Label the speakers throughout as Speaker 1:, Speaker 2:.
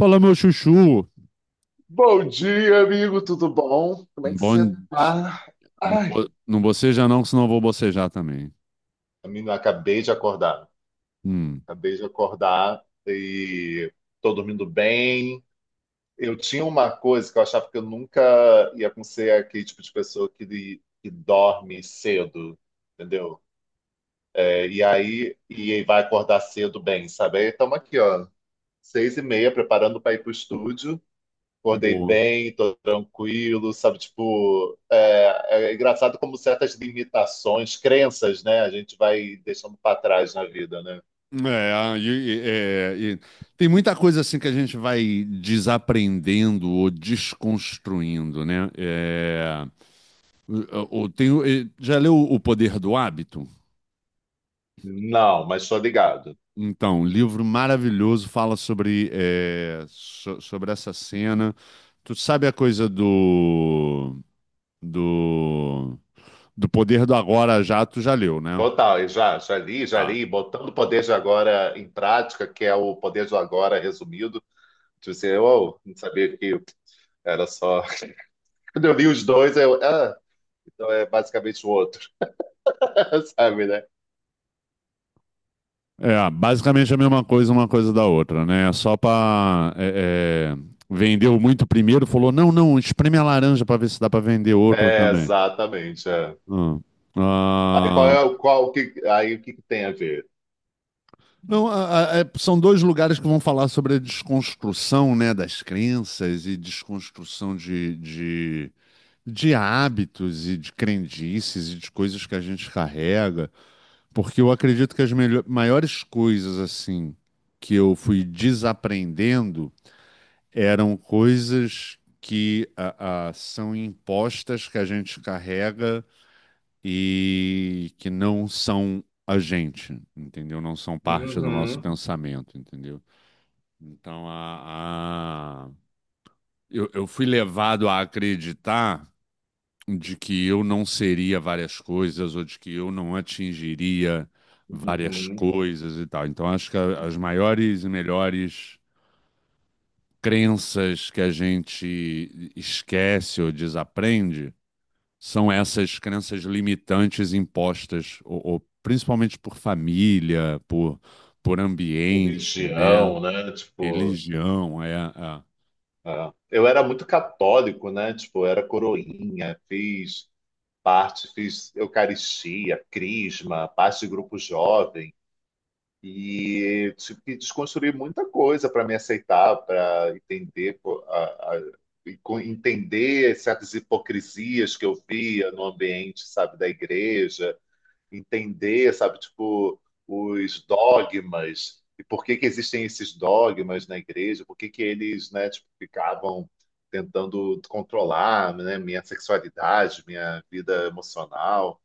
Speaker 1: Fala, meu chuchu.
Speaker 2: Bom dia, amigo, tudo bom? Como é que você
Speaker 1: Bom,
Speaker 2: tá? Ai,
Speaker 1: não boceja não, que senão eu vou bocejar também.
Speaker 2: menino, acabei de acordar.
Speaker 1: Hum,
Speaker 2: Acabei de acordar e tô dormindo bem. Eu tinha uma coisa que eu achava que eu nunca ia conseguir aquele tipo de pessoa que dorme cedo, entendeu? E aí e vai acordar cedo bem, sabe? Aí estamos aqui, ó, 6:30, preparando para ir pro estúdio. Acordei
Speaker 1: boa.
Speaker 2: bem, tô tranquilo, sabe? Tipo, é engraçado como certas limitações, crenças, né? A gente vai deixando para trás na vida, né?
Speaker 1: E tem muita coisa assim que a gente vai desaprendendo ou desconstruindo, né? Já leu O Poder do Hábito?
Speaker 2: Não, mas tô ligado.
Speaker 1: Então, livro maravilhoso, fala sobre, sobre essa cena. Tu sabe a coisa do, do Poder do Agora Já, tu já leu, né?
Speaker 2: Total, e já, já li, já
Speaker 1: Tá.
Speaker 2: li, botando o poder de agora em prática, que é o poder de agora resumido. Tipo assim, eu oh, não sabia que era só. Quando eu li os dois, eu. Ah, então é basicamente o outro, sabe, né?
Speaker 1: É, basicamente é a mesma coisa, uma coisa da outra, né? É Só pra. É, é, Vendeu muito primeiro, falou: não, não, espreme a laranja pra ver se dá pra vender outro
Speaker 2: É,
Speaker 1: também.
Speaker 2: exatamente. É.
Speaker 1: Ah.
Speaker 2: Aí, qual
Speaker 1: Ah,
Speaker 2: é o qual o que aí o que que tem a ver?
Speaker 1: não, são dois lugares que vão falar sobre a desconstrução, né, das crenças e desconstrução de hábitos e de crendices e de coisas que a gente carrega. Porque eu acredito que as maiores coisas, assim, que eu fui desaprendendo eram coisas que são impostas, que a gente carrega e que não são a gente, entendeu? Não são parte do nosso
Speaker 2: Uhum,
Speaker 1: pensamento, entendeu? Então, a, a- eu fui levado a acreditar de que eu não seria várias coisas ou de que eu não atingiria várias
Speaker 2: uhum.
Speaker 1: coisas e tal. Então, acho que as maiores e melhores crenças que a gente esquece ou desaprende são essas crenças limitantes impostas, ou principalmente por família, por ambiente, né?
Speaker 2: Religião, né? Tipo,
Speaker 1: Religião,
Speaker 2: é. Eu era muito católico, né? Tipo, eu era coroinha, fiz parte, fiz Eucaristia, Crisma, parte de grupo jovem e tive que desconstruir muita coisa para me aceitar, para entender pô, a- entender certas hipocrisias que eu via no ambiente, sabe, da igreja entender, sabe, tipo, os dogmas e por que que existem esses dogmas na igreja, por que que eles, né, tipo, ficavam tentando controlar, né, minha sexualidade, minha vida emocional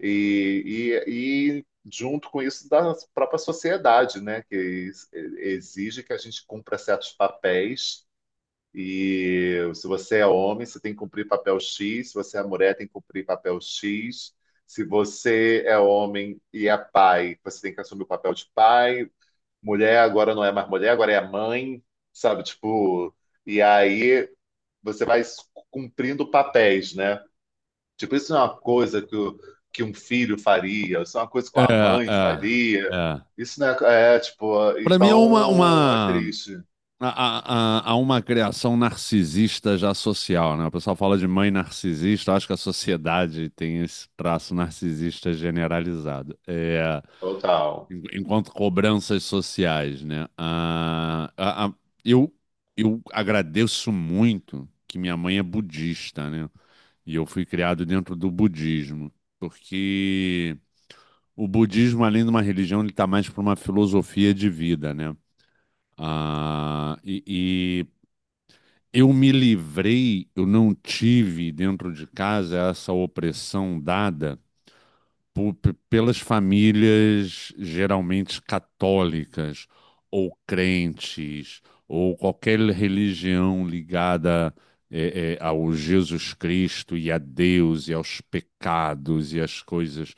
Speaker 2: e, junto com isso da própria sociedade, né, que exige que a gente cumpra certos papéis e se você é homem, você tem que cumprir papel X, se você é mulher, tem que cumprir papel X. Se você é homem e é pai, você tem que assumir o papel de pai. Mulher agora não é mais mulher, agora é mãe, sabe? Tipo, e aí você vai cumprindo papéis, né? Tipo, isso não é uma coisa que, que um filho faria, isso é uma coisa que
Speaker 1: é,
Speaker 2: uma mãe faria.
Speaker 1: é, é. é.
Speaker 2: Isso não é, é tipo,
Speaker 1: para mim é
Speaker 2: então é
Speaker 1: uma
Speaker 2: triste,
Speaker 1: Uma criação narcisista já social, né? O pessoal fala de mãe narcisista, eu acho que a sociedade tem esse traço narcisista generalizado. É,
Speaker 2: total.
Speaker 1: enquanto cobranças sociais, né? Eu, eu agradeço muito que minha mãe é budista, né? E eu fui criado dentro do budismo, porque o budismo, além de uma religião, ele está mais para uma filosofia de vida, né? E eu me livrei, eu não tive dentro de casa essa opressão dada pelas famílias geralmente católicas ou crentes ou qualquer religião ligada ao Jesus Cristo e a Deus e aos pecados e às coisas.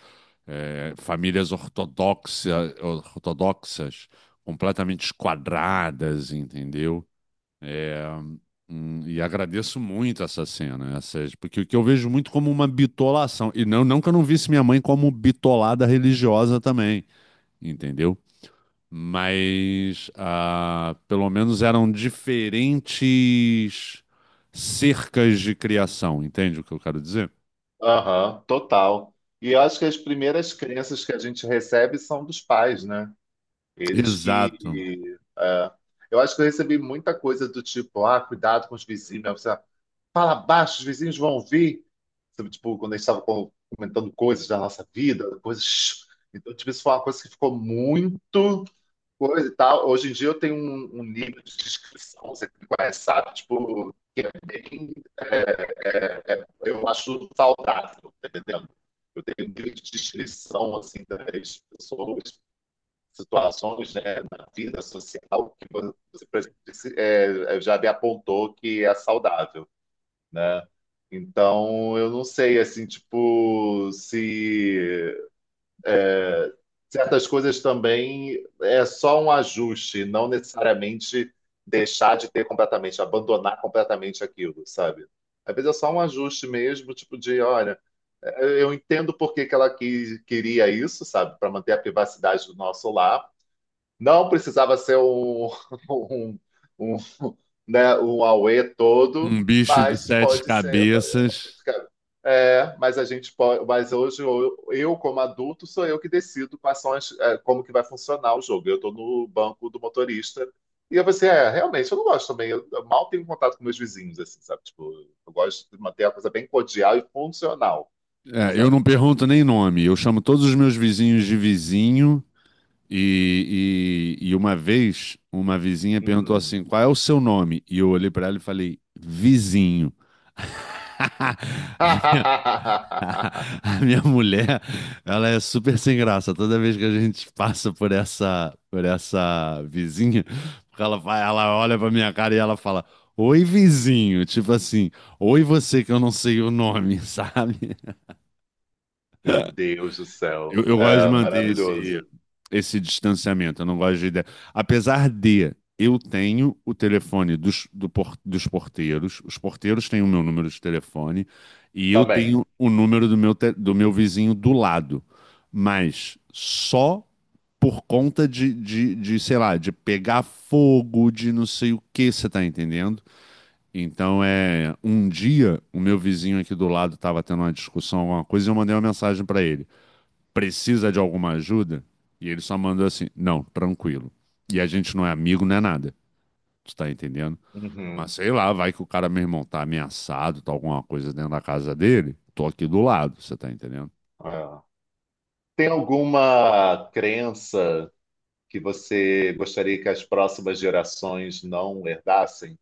Speaker 1: Eh, ortodoxas, completamente esquadradas, entendeu? E agradeço muito essa cena, essas, porque o que eu vejo muito como uma bitolação, e não, não que eu não visse minha mãe como bitolada religiosa também, entendeu? Mas pelo menos eram diferentes cercas de criação, entende o que eu quero dizer?
Speaker 2: Aham, total. E eu acho que as primeiras crenças que a gente recebe são dos pais, né? Eles
Speaker 1: Exato.
Speaker 2: que. É. Eu acho que eu recebi muita coisa do tipo, ah, cuidado com os vizinhos. Né? Você fala baixo, os vizinhos vão ouvir. Sabe, tipo, quando a gente estava comentando coisas da nossa vida, coisas. Então, tipo, isso foi uma coisa que ficou muito coisa e tal. Hoje em dia eu tenho um nível de descrição, você me conhece, sabe? Tipo, que é bem. é, eu acho saudável, tá entendendo? Eu tenho um nível de descrição, assim, das pessoas, situações, né, na vida social que você já me apontou que é saudável, né? Então, eu não sei, assim, tipo, se certas coisas também é só um ajuste, não necessariamente deixar de ter completamente, abandonar completamente aquilo, sabe? Às vezes é só um ajuste mesmo, tipo de, olha, eu entendo por que que ela quis, queria isso, sabe? Para manter a privacidade do nosso lar, não precisava ser um, um, um, né, um auê todo,
Speaker 1: Um bicho de
Speaker 2: mas
Speaker 1: sete
Speaker 2: pode ser.
Speaker 1: cabeças.
Speaker 2: É, mas a gente pode. Mas hoje eu, como adulto, sou eu que decido quais são as, é, como que vai funcionar o jogo. Eu estou no banco do motorista e eu pensei, é, realmente eu não gosto também. Eu mal tenho contato com meus vizinhos, assim, sabe? Tipo, eu gosto de manter a coisa bem cordial e funcional,
Speaker 1: É, eu não
Speaker 2: sabe?
Speaker 1: pergunto nem nome, eu chamo todos os meus vizinhos de vizinho. E uma vez, uma vizinha perguntou
Speaker 2: Hum.
Speaker 1: assim: qual é o seu nome? E eu olhei para ela e falei: vizinho. A minha, a a minha mulher, ela é super sem graça. Toda vez que a gente passa por essa vizinha, porque ela, ela olha pra minha cara e ela fala: oi, vizinho. Tipo assim, oi, você que eu não sei o nome, sabe?
Speaker 2: Meu Deus do
Speaker 1: Eu,
Speaker 2: céu.
Speaker 1: eu gosto de
Speaker 2: É,
Speaker 1: manter
Speaker 2: maravilhoso.
Speaker 1: esse distanciamento. Eu não gosto de ideia. Apesar de eu tenho o telefone dos porteiros, os porteiros têm o meu número de telefone e eu
Speaker 2: Também.
Speaker 1: tenho o número do meu, do meu vizinho do lado, mas só por conta de, sei lá, de pegar fogo, de não sei o que, você tá entendendo? Um dia o meu vizinho aqui do lado estava tendo uma discussão, alguma coisa, e eu mandei uma mensagem para ele, precisa de alguma ajuda? E ele só mandou assim: não, tranquilo. E a gente não é amigo, não é nada. Tu tá entendendo?
Speaker 2: Uhum.
Speaker 1: Mas sei lá, vai que o cara, meu irmão, tá ameaçado, tá alguma coisa dentro da casa dele. Tô aqui do lado, você tá entendendo?
Speaker 2: É. Tem alguma crença que você gostaria que as próximas gerações não herdassem?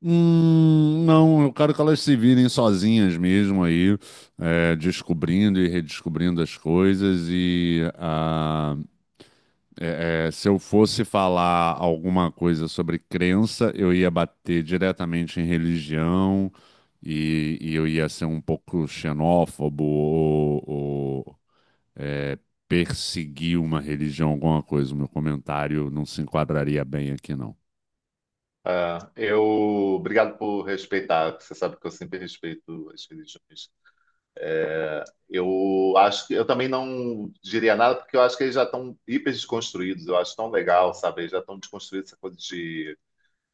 Speaker 1: Não, eu quero que elas se virem sozinhas mesmo aí, é, descobrindo e redescobrindo as coisas e se eu fosse falar alguma coisa sobre crença, eu ia bater diretamente em religião e eu ia ser um pouco xenófobo ou, é, perseguir uma religião, alguma coisa. O meu comentário não se enquadraria bem aqui, não.
Speaker 2: É, eu. Obrigado por respeitar, que você sabe que eu sempre respeito as religiões. Eu acho que eu também não diria nada, porque eu acho que eles já estão hiper desconstruídos. Eu acho tão legal, sabe? Eles já estão desconstruídos essa coisa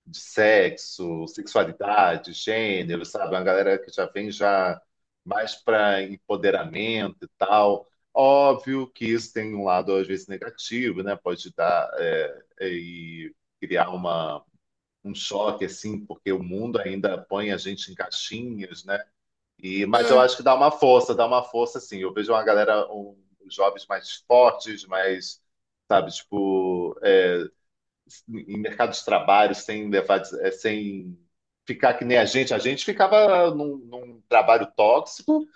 Speaker 2: de sexo, sexualidade, gênero, sabe? Uma galera que já vem já mais para empoderamento e tal. Óbvio que isso tem um lado às vezes negativo, né? Pode dar e criar um choque assim, porque o mundo ainda põe a gente em caixinhas, né? E, mas eu
Speaker 1: É,
Speaker 2: acho que dá uma força assim. Eu vejo uma galera, um, os jovens mais fortes, mais, sabe, tipo, é, em mercados de trabalho sem levar, eh, sem ficar que nem a gente. A gente ficava num trabalho tóxico.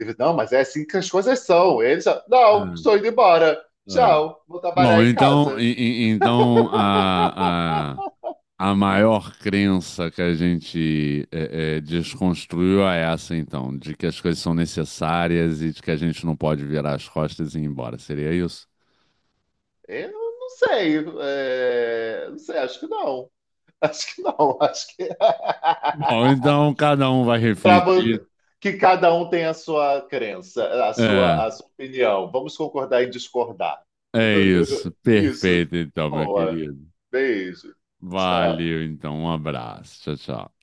Speaker 2: E, não, mas é assim que as coisas são. Eles, já, não, estou indo embora.
Speaker 1: é.
Speaker 2: Tchau, vou
Speaker 1: Bom,
Speaker 2: trabalhar em
Speaker 1: então,
Speaker 2: casa.
Speaker 1: então a maior crença que a gente desconstruiu é essa, então, de que as coisas são necessárias e de que a gente não pode virar as costas e ir embora. Seria isso?
Speaker 2: Eu não sei, eh, não sei, acho que não. Acho que não, acho que.
Speaker 1: Bom, então cada um vai
Speaker 2: Pra vo-
Speaker 1: refletir.
Speaker 2: que cada um tem a sua crença,
Speaker 1: É,
Speaker 2: a sua opinião. Vamos concordar em discordar.
Speaker 1: é isso.
Speaker 2: Isso.
Speaker 1: Perfeito, então, meu
Speaker 2: Boa.
Speaker 1: querido.
Speaker 2: Beijo. Tchau.
Speaker 1: Valeu, então. Um abraço. Tchau, tchau.